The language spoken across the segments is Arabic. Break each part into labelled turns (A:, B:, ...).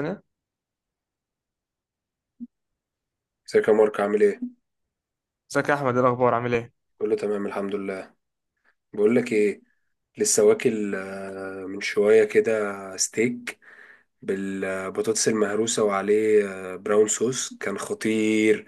A: انا.
B: ازيك يا مارك عامل ايه؟
A: ازيك يا احمد؟ ايه الاخبار؟ عامل ايه؟
B: كله تمام الحمد لله. بقول لك ايه، لسه واكل من شوية كده ستيك بالبطاطس المهروسة وعليه براون صوص كان خطير.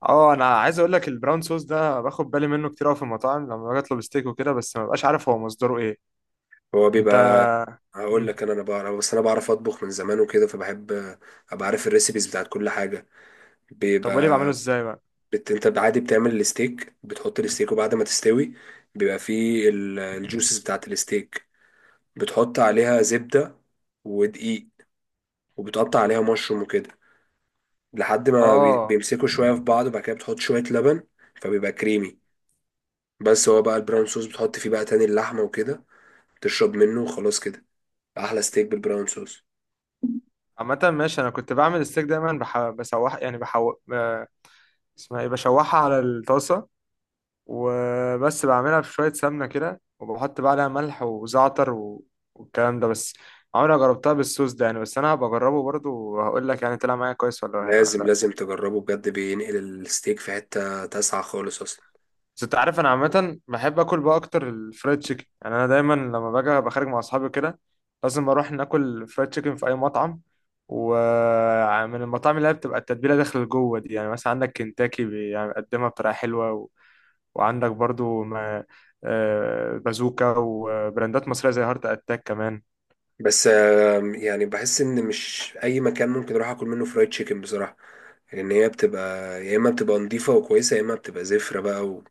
A: اه، انا عايز اقول لك البراون صوص ده باخد بالي منه كتير قوي في المطاعم لما باجي اطلب ستيك وكده، بس ما ببقاش عارف هو مصدره ايه.
B: هو
A: انت.
B: بيبقى. هقول
A: مم.
B: لك، انا بعرف، بس انا بعرف اطبخ من زمان وكده فبحب ابقى عارف الريسيبيز بتاعت كل حاجة.
A: طب قولي بعمله
B: بيبقى.
A: ازاي بقى؟
B: انت عادي بتعمل الستيك، بتحط الستيك وبعد ما تستوي بيبقى فيه الجوسز بتاعت الستيك، بتحط عليها زبدة ودقيق، وبتقطع عليها مشروم وكده لحد ما
A: اه
B: بيمسكوا شوية في بعض، وبعد كده بتحط شوية لبن فبيبقى كريمي. بس هو بقى البراون صوص، بتحط فيه بقى تاني اللحمة وكده تشرب منه وخلاص كده. أحلى ستيك بالبراون صوص.
A: عامة ماشي. انا كنت بعمل الستيك دايما بح... بسوح يعني اسمها ايه؟ بشوحها على الطاسة وبس، بعملها في شوية سمنة كده وبحط بقى عليها ملح وزعتر و... والكلام ده بس. عمري ما جربتها بالصوص ده يعني، بس انا هبقى اجربه برضه وهقول لك يعني طلع معايا كويس ولا
B: لازم
A: ولا.
B: لازم تجربه بجد، بينقل الستيك في حتة تسعة خالص أصلا.
A: بس انت عارف انا عامه بحب اكل بقى اكتر الفرايد تشيكن، يعني انا دايما لما باجي ابقى خارج مع اصحابي كده لازم اروح ناكل فرايد تشيكن في اي مطعم. ومن المطاعم اللي هي بتبقى التتبيله داخل جوه دي، يعني مثلا عندك كنتاكي يعني بيقدمها بطريقه حلوه و... وعندك برضو ما... بازوكا وبراندات مصريه زي هارت اتاك كمان.
B: بس يعني بحس إن مش أي مكان ممكن أروح أكل منه فرايد تشيكن بصراحة. لأن هي بتبقى يا إما بتبقى نضيفة وكويسة، يا إما بتبقى زفرة بقى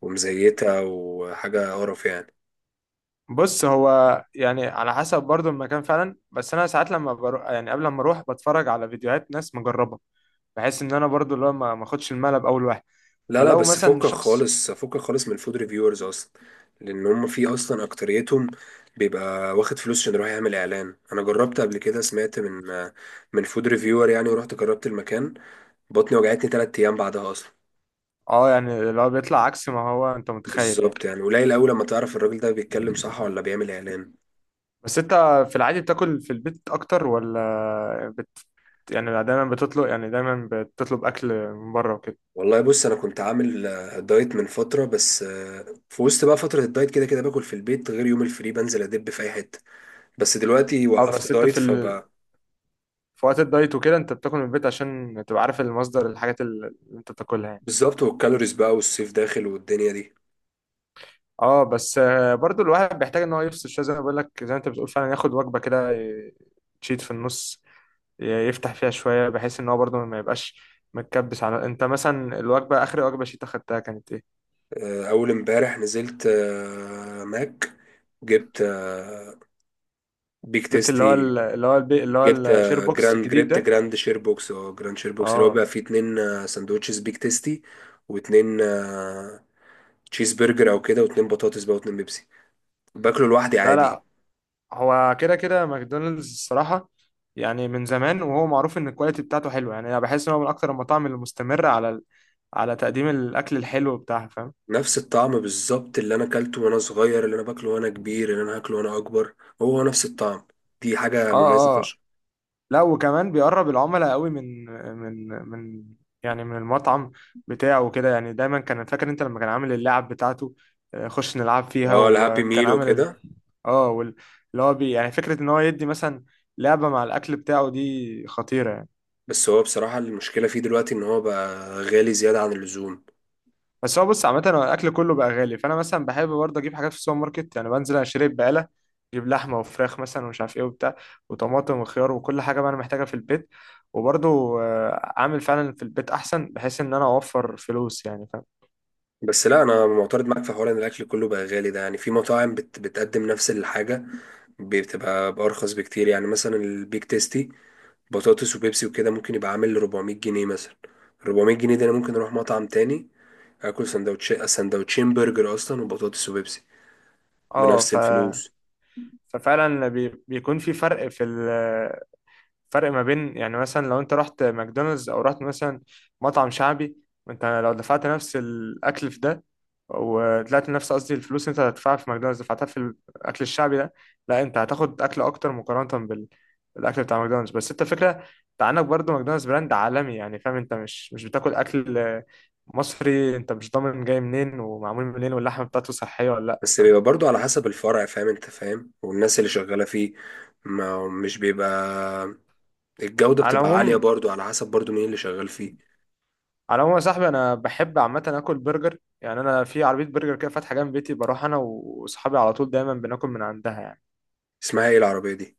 B: ومزيتة وحاجة قرف يعني.
A: بص هو يعني على حسب برضو المكان فعلا، بس انا ساعات لما بروح، يعني قبل ما اروح بتفرج على فيديوهات ناس مجربه، بحيث ان انا برضو اللي هو ما اخدش الملعب اول واحد.
B: لا، لا،
A: فلو
B: بس
A: مثلا
B: فكك
A: شخص،
B: خالص، فكك خالص من فود ريفيورز اصلا. لان هم في اصلا اكتريتهم بيبقى واخد فلوس عشان رايح يعمل اعلان. انا جربت قبل كده، سمعت من فود ريفيور يعني، ورحت جربت المكان، بطني وجعتني تلات ايام بعدها اصلا.
A: اه، يعني لو بيطلع عكس ما هو انت متخيل يعني.
B: بالظبط، يعني قليل قوي لما تعرف الراجل ده بيتكلم صح ولا بيعمل اعلان.
A: بس انت في العادي بتاكل في البيت اكتر ولا يعني دايما بتطلب، يعني دايما بتطلب اكل من بره وكده؟
B: والله بص، انا كنت عامل دايت من فتره، بس في وسط بقى فتره الدايت كده كده باكل في البيت، غير يوم الفري بنزل ادب في اي حته. بس دلوقتي
A: اه
B: وقفت
A: بس انت
B: دايت فب.
A: في وقت الدايت وكده انت بتاكل من البيت عشان تبقى عارف المصدر الحاجات اللي انت بتاكلها يعني.
B: بالظبط، والكالوريز بقى والصيف داخل والدنيا دي.
A: اه بس برضو الواحد بيحتاج ان هو يفصل شويه، زي ما بقول لك زي ما انت بتقول فعلا ياخد وجبه كده تشيت في النص، يفتح فيها شوية بحيث ان هو برضو ما يبقاش متكبس. على، انت مثلا الوجبة اخر وجبة شيت اخدتها كانت ايه؟
B: اول امبارح نزلت ماك. جبت بيك
A: جبت اللي هو
B: تيستي.
A: اللي هو اللي هو الشير بوكس الجديد
B: جبت
A: ده؟
B: جراند شير بوكس، اللي هو
A: اه.
B: بقى فيه اتنين سندوتشز بيك تيستي، واتنين تشيز برجر او كده، واتنين بطاطس بقى، واتنين بيبسي. باكله لوحدي
A: لا
B: عادي.
A: لا، هو كده كده ماكدونالدز الصراحة، يعني من زمان وهو معروف ان الكواليتي بتاعته حلوة. يعني انا بحس ان هو من اكتر المطاعم اللي مستمرة على على تقديم الاكل الحلو بتاعها، فاهم؟
B: نفس الطعم بالظبط اللي انا اكلته وانا صغير، اللي انا باكله وانا كبير، اللي انا هاكله وانا اكبر. هو نفس الطعم. دي حاجة مميزة
A: اه.
B: فشخ.
A: لا وكمان بيقرب العملاء قوي من من يعني من المطعم بتاعه وكده. يعني دايما كان فاكر انت لما كان عامل اللعب بتاعته، خش نلعب فيها،
B: اه، الهابي
A: وكان
B: ميل
A: عامل
B: وكده.
A: اه اللي هو بي يعني فكرة ان هو يدي مثلا لعبة مع الاكل بتاعه، دي خطيرة يعني.
B: بس هو بصراحة المشكلة فيه دلوقتي إن هو بقى غالي زيادة عن اللزوم.
A: بس هو بص، عامة هو الأكل كله بقى غالي، فأنا مثلا بحب برضه أجيب حاجات في السوبر ماركت. يعني بنزل أشتري بقالة، أجيب لحمة وفراخ مثلا ومش عارف إيه وبتاع، وطماطم وخيار وكل حاجة بقى أنا محتاجها في البيت. وبرضه، آه، أعمل فعلا في البيت أحسن بحيث إن أنا أوفر فلوس يعني، فاهم؟
B: بس لا، أنا معترض معاك في حوار إن الأكل كله بقى غالي ده، يعني في مطاعم بتقدم نفس الحاجة بتبقى بأرخص بكتير. يعني مثلا البيك تيستي بطاطس وبيبسي وكده ممكن يبقى عامل 400 جنيه مثلا. 400 جنيه ده أنا ممكن أروح مطعم تاني آكل سندوتش سندوتشين برجر أصلا، وبطاطس وبيبسي
A: أه
B: بنفس الفلوس.
A: ففعلا بيكون في فرق في فرق ما بين يعني مثلا لو انت رحت ماكدونالدز او رحت مثلا مطعم شعبي، وانت لو دفعت نفس الاكل في ده وطلعت نفس قصدي الفلوس انت هتدفعها في ماكدونالدز دفعتها في الاكل الشعبي ده، لا انت هتاخد اكل اكتر مقارنة بالاكل بتاع ماكدونالدز. بس انت فكرة، انت عندك برضه ماكدونالدز براند عالمي يعني فاهم، انت مش بتاكل اكل مصري، انت مش ضامن جاي منين ومعمول منين واللحمة بتاعته صحية ولا لا،
B: بس
A: فاهم؟
B: بيبقى برضو على حسب الفرع، فاهم أنت، فاهم، والناس اللي شغالة فيه. ما مش بيبقى الجودة
A: على
B: بتبقى عالية،
A: العموم،
B: برضو على حسب برضو مين اللي شغال فيه.
A: على العموم يا صاحبي انا بحب عامه اكل برجر، يعني انا في عربيه برجر كده فاتحه جنب بيتي، بروح انا واصحابي على طول دايما بناكل من عندها يعني.
B: اسمها ايه العربية دي؟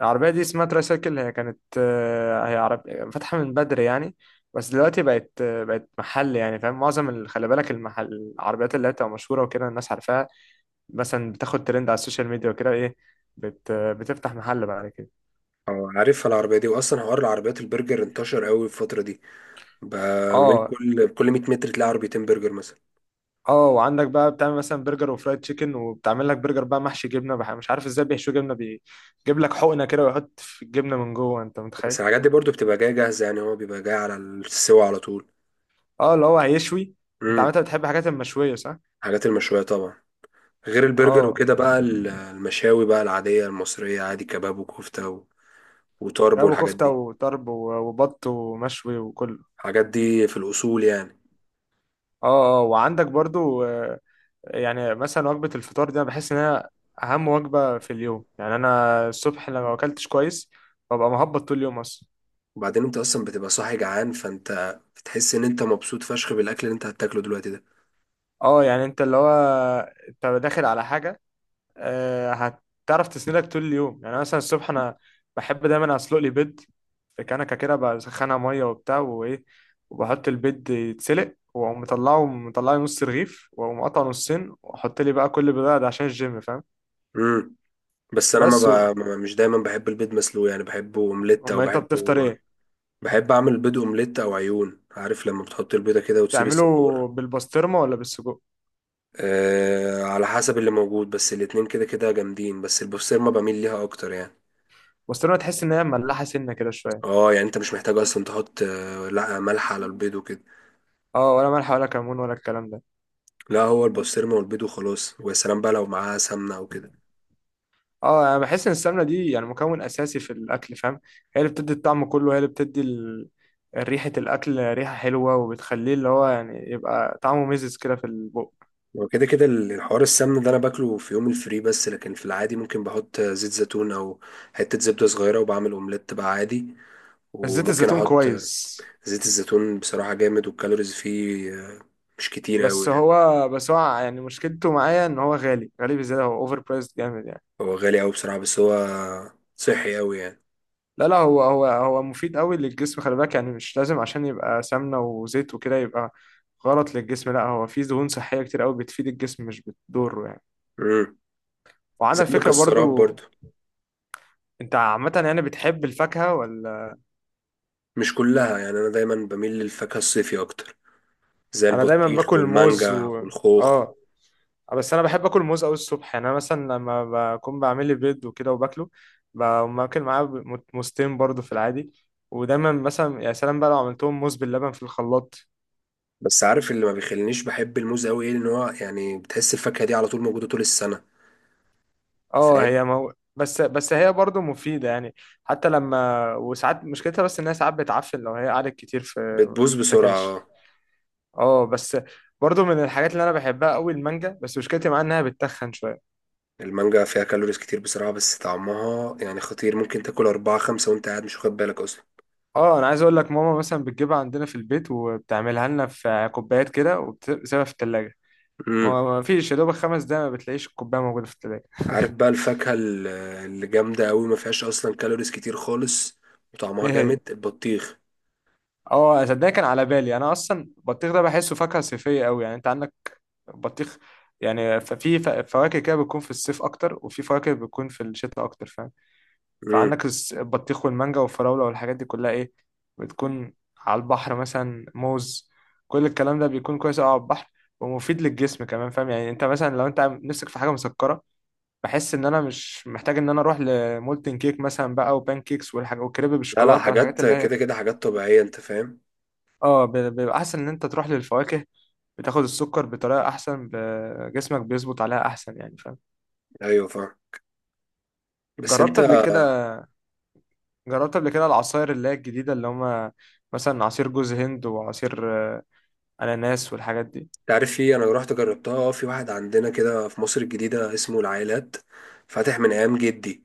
A: العربيه دي اسمها ترايسايكل، هي كانت هي عرب، فاتحه من بدري يعني، بس دلوقتي بقت بقت محل يعني فاهم. معظم خلي بالك المحل، العربيات اللي هي بتبقى مشهوره وكده الناس عارفاها، مثلا بتاخد ترند على السوشيال ميديا وكده ايه، بت آه، بتفتح محل بعد كده.
B: اه، عارفها العربية دي. واصلا حوار العربيات البرجر انتشر قوي الفترة دي. بقى من
A: اه
B: كل 100 متر تلاقي عربيتين برجر مثلا.
A: اه. وعندك بقى بتعمل مثلا برجر وفرايد تشيكن، وبتعمل لك برجر بقى محشي جبنه مش عارف ازاي بيحشوا جبنه، بيجيب لك حقنه كده ويحط في الجبنه من جوه، انت متخيل؟
B: بس الحاجات دي برضو بتبقى جاية جاهزة يعني، هو بيبقى جاي على السوا على طول.
A: اه اللي هو هيشوي. انت
B: امم.
A: عامه بتحب الحاجات المشويه صح؟
B: الحاجات المشوية طبعا. غير البرجر
A: اه،
B: وكده بقى المشاوي بقى العادية المصرية، عادي كباب وكفتة وطرب
A: كباب
B: والحاجات
A: وكفته
B: دي.
A: وطرب وبط ومشوي وكله.
B: الحاجات دي في الأصول يعني.
A: اه اه. وعندك برضو يعني مثلا وجبه الفطار دي انا بحس انها اهم وجبه في اليوم، يعني انا الصبح لما ما اكلتش كويس ببقى مهبط طول اليوم اصلا.
B: وبعدين انت اصلا بتبقى صاحي جعان، فانت بتحس ان انت مبسوط فشخ بالاكل اللي انت هتاكله دلوقتي ده.
A: اه يعني انت اللي هو، انت داخل على حاجه آه، هتعرف تسندك طول اليوم. يعني مثلا الصبح انا بحب دايما اسلق لي بيض، في كنكه كده بسخنها ميه وبتاع وايه، وبحط البيض يتسلق، واقوم مطلعه، مطلعه نص رغيف واقوم قطعه نصين واحط لي بقى كل بيضه ده عشان الجيم، فاهم؟
B: امم. بس انا ما
A: بس و...
B: ب... ما- مش دايما بحب البيض مسلوق يعني، بحبه اومليت او
A: اما انت بتفطر
B: بحبه.
A: ايه؟
B: بحب اعمل بيض اومليت او عيون، عارف لما بتحط البيضه كده وتسيب
A: تعمله
B: الصفار.
A: بالبسطرمه ولا بالسجق؟
B: على حسب اللي موجود، بس الاتنين كده كده جامدين، بس البسطرمه بميل ليها اكتر يعني.
A: البسطرمه تحس ان هي مملحه سنه كده شويه.
B: اه، يعني انت مش محتاج اصلا تحط لا ملح على البيض وكده.
A: اه ولا ملح ولا كمون ولا الكلام ده.
B: لا، هو البسطرمه والبيض وخلاص، ويا سلام بقى لو معاها سمنه او كده.
A: اه انا بحس ان السمنه دي يعني مكون اساسي في الاكل، فاهم؟ هي اللي بتدي الطعم كله، هي اللي بتدي ريحه الاكل ريحه حلوه، وبتخليه اللي هو يعني يبقى طعمه مزز كده في البق.
B: وكده كده الحوار السمن ده انا باكله في يوم الفري بس، لكن في العادي ممكن بحط زيت زيتون او حتة زبدة صغيرة، وبعمل اومليت بقى عادي.
A: زيت
B: وممكن
A: الزيتون
B: احط
A: كويس.
B: زيت الزيتون، بصراحة جامد، والكالوريز فيه مش كتير قوي
A: بس
B: يعني.
A: هو بس هو يعني مشكلته معايا ان هو غالي، غالي بزياده، هو اوفر برايسد جامد يعني.
B: هو غالي قوي بصراحة، بس هو صحي قوي يعني.
A: لا لا، هو مفيد قوي للجسم، خلي بالك، يعني مش لازم عشان يبقى سمنه وزيت وكده يبقى غلط للجسم، لا هو فيه دهون صحيه كتير قوي بتفيد الجسم مش بتضره يعني.
B: امم.
A: وعندك
B: زي
A: فكره
B: المكسرات
A: برضو،
B: برضو.
A: انت عامة يعني بتحب الفاكهة ولا؟
B: مش كلها يعني، انا دايما بميل للفاكهة الصيفي اكتر، زي
A: انا دايما
B: البطيخ
A: باكل موز
B: والمانجا
A: و،
B: والخوخ.
A: اه بس انا بحب اكل موز قوي الصبح، يعني انا مثلا لما بكون بعمل لي بيض وكده وباكله بقوم اكل معاه موزتين برضه في العادي. ودايما مثلا يا سلام بقى لو عملتهم موز باللبن في الخلاط.
B: بس عارف اللي ما بيخلينيش بحب الموز قوي ايه؟ ان هو يعني بتحس الفاكهة دي على طول موجودة طول السنة،
A: اه
B: فاهم.
A: هي بس هي برضه مفيدة يعني، حتى لما وساعات مشكلتها، بس انها ساعات بتعفن لو هي قعدت كتير في ما
B: بتبوظ بسرعة،
A: بتتاكلش.
B: اه.
A: اه بس برضه من الحاجات اللي انا بحبها قوي المانجا، بس مشكلتي معاها انها بتتخن شوية.
B: المانجا فيها كالوريز كتير بسرعة، بس طعمها يعني خطير، ممكن تاكل أربعة خمسة وأنت قاعد مش واخد بالك أصلا.
A: اه انا عايز اقول لك ماما مثلا بتجيبها عندنا في البيت وبتعملها لنا في كوبايات كده وبتسيبها في التلاجة،
B: امم.
A: ما فيش يا دوبك خمس دقايق ما بتلاقيش الكوباية موجودة في التلاجة.
B: عارف بقى الفاكهة اللي جامدة أوي ما فيهاش أصلا كالوريز كتير خالص وطعمها
A: ايه
B: جامد؟
A: هي؟
B: البطيخ.
A: اه صدقني كان على بالي انا اصلا البطيخ ده بحسه فاكهة صيفية قوي، يعني انت عندك بطيخ، يعني في فواكه كده بتكون في الصيف اكتر، وفي فواكه بتكون في الشتاء اكتر، فاهم؟
B: امم.
A: فعندك البطيخ والمانجا والفراولة والحاجات دي كلها ايه، بتكون على البحر، مثلا موز، كل الكلام ده بيكون كويس أوي على البحر ومفيد للجسم كمان، فاهم؟ يعني انت مثلا لو انت نفسك في حاجة مسكرة، بحس ان انا مش محتاج ان انا اروح لمولتن كيك مثلا بقى وبان كيكس والحاجة وكريب
B: لا، لا،
A: بالشوكولاتة والحاجات
B: حاجات
A: اللي هي،
B: كده كده حاجات طبيعية أنت فاهم.
A: اه بيبقى احسن ان انت تروح للفواكه، بتاخد السكر بطريقة احسن، جسمك بيظبط عليها احسن، يعني فاهم؟
B: أيوه فاهم. بس
A: جربت
B: أنت
A: قبل كده؟ جربت قبل كده العصاير اللي هي الجديدة اللي هما، مثلا عصير جوز هند وعصير أناناس والحاجات دي؟
B: تعرف، في أنا رحت جربتها في واحد عندنا كده في مصر الجديدة اسمه العائلات، فاتح من أيام جدي.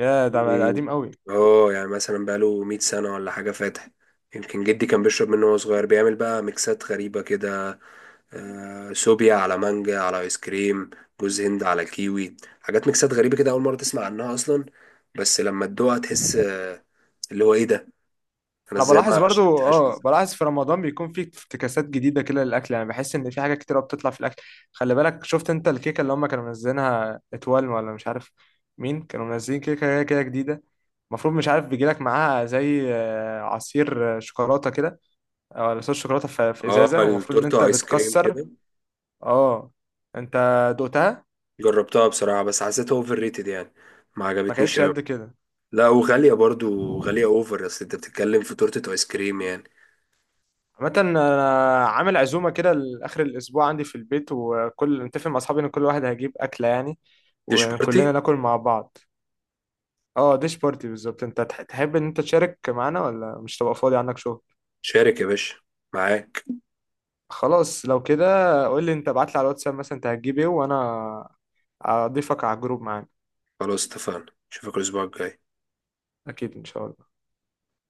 A: يا ده ده
B: إيه.
A: قديم قوي.
B: اه، يعني مثلا بقاله 100 سنة ولا حاجة فاتح. يمكن جدي كان بيشرب منه وهو صغير، بيعمل بقى ميكسات غريبة كده. سوبيا على مانجا على ايس كريم، جوز هند على كيوي، حاجات ميكسات غريبة كده أول مرة تسمع عنها أصلا. بس لما تدوقها تحس اللي هو ايه ده، أنا
A: أنا
B: ازاي
A: بلاحظ
B: ما
A: برضو،
B: شربتهاش من
A: اه
B: زمان.
A: بلاحظ في رمضان بيكون في افتكاسات جديدة كده للأكل، يعني بحس إن في حاجة كتيرة بتطلع في الأكل. خلي بالك شفت أنت الكيكة اللي هما كانوا منزلينها اتوال ولا مش عارف مين كانوا منزلين كيكة هي كده جديدة؟ المفروض، مش عارف، بيجيلك معاها زي عصير شوكولاتة كده، أو صوص شوكولاتة في في
B: اه،
A: إزازة والمفروض إن أنت
B: التورتة ايس كريم
A: بتكسر.
B: كده.
A: اه، أنت دقتها؟
B: جربتها بصراحة، بس حسيتها اوفر ريتد يعني، ما
A: ما
B: عجبتنيش
A: كانتش
B: أوي.
A: قد كده؟
B: لا، وغالية برضو، غالية اوفر، اصل انت بتتكلم في تورتة ايس كريم يعني.
A: عامة انا عامل عزومة كده لاخر الاسبوع عندي في البيت، وكل متفق مع اصحابي ان كل واحد هيجيب اكلة يعني،
B: ديش
A: وكلنا
B: بارتي.
A: ناكل مع بعض. اه ديش بارتي بالظبط. انت تحب ان انت تشارك معانا ولا مش تبقى فاضي عندك شغل؟
B: شارك يا باشا، معاك.
A: خلاص لو كده، قول لي انت، ابعت لي على الواتساب مثلا انت هتجيب ايه وانا اضيفك على الجروب معانا.
B: خلاص اتفقنا، اشوفك الاسبوع الجاي.
A: اكيد ان شاء الله.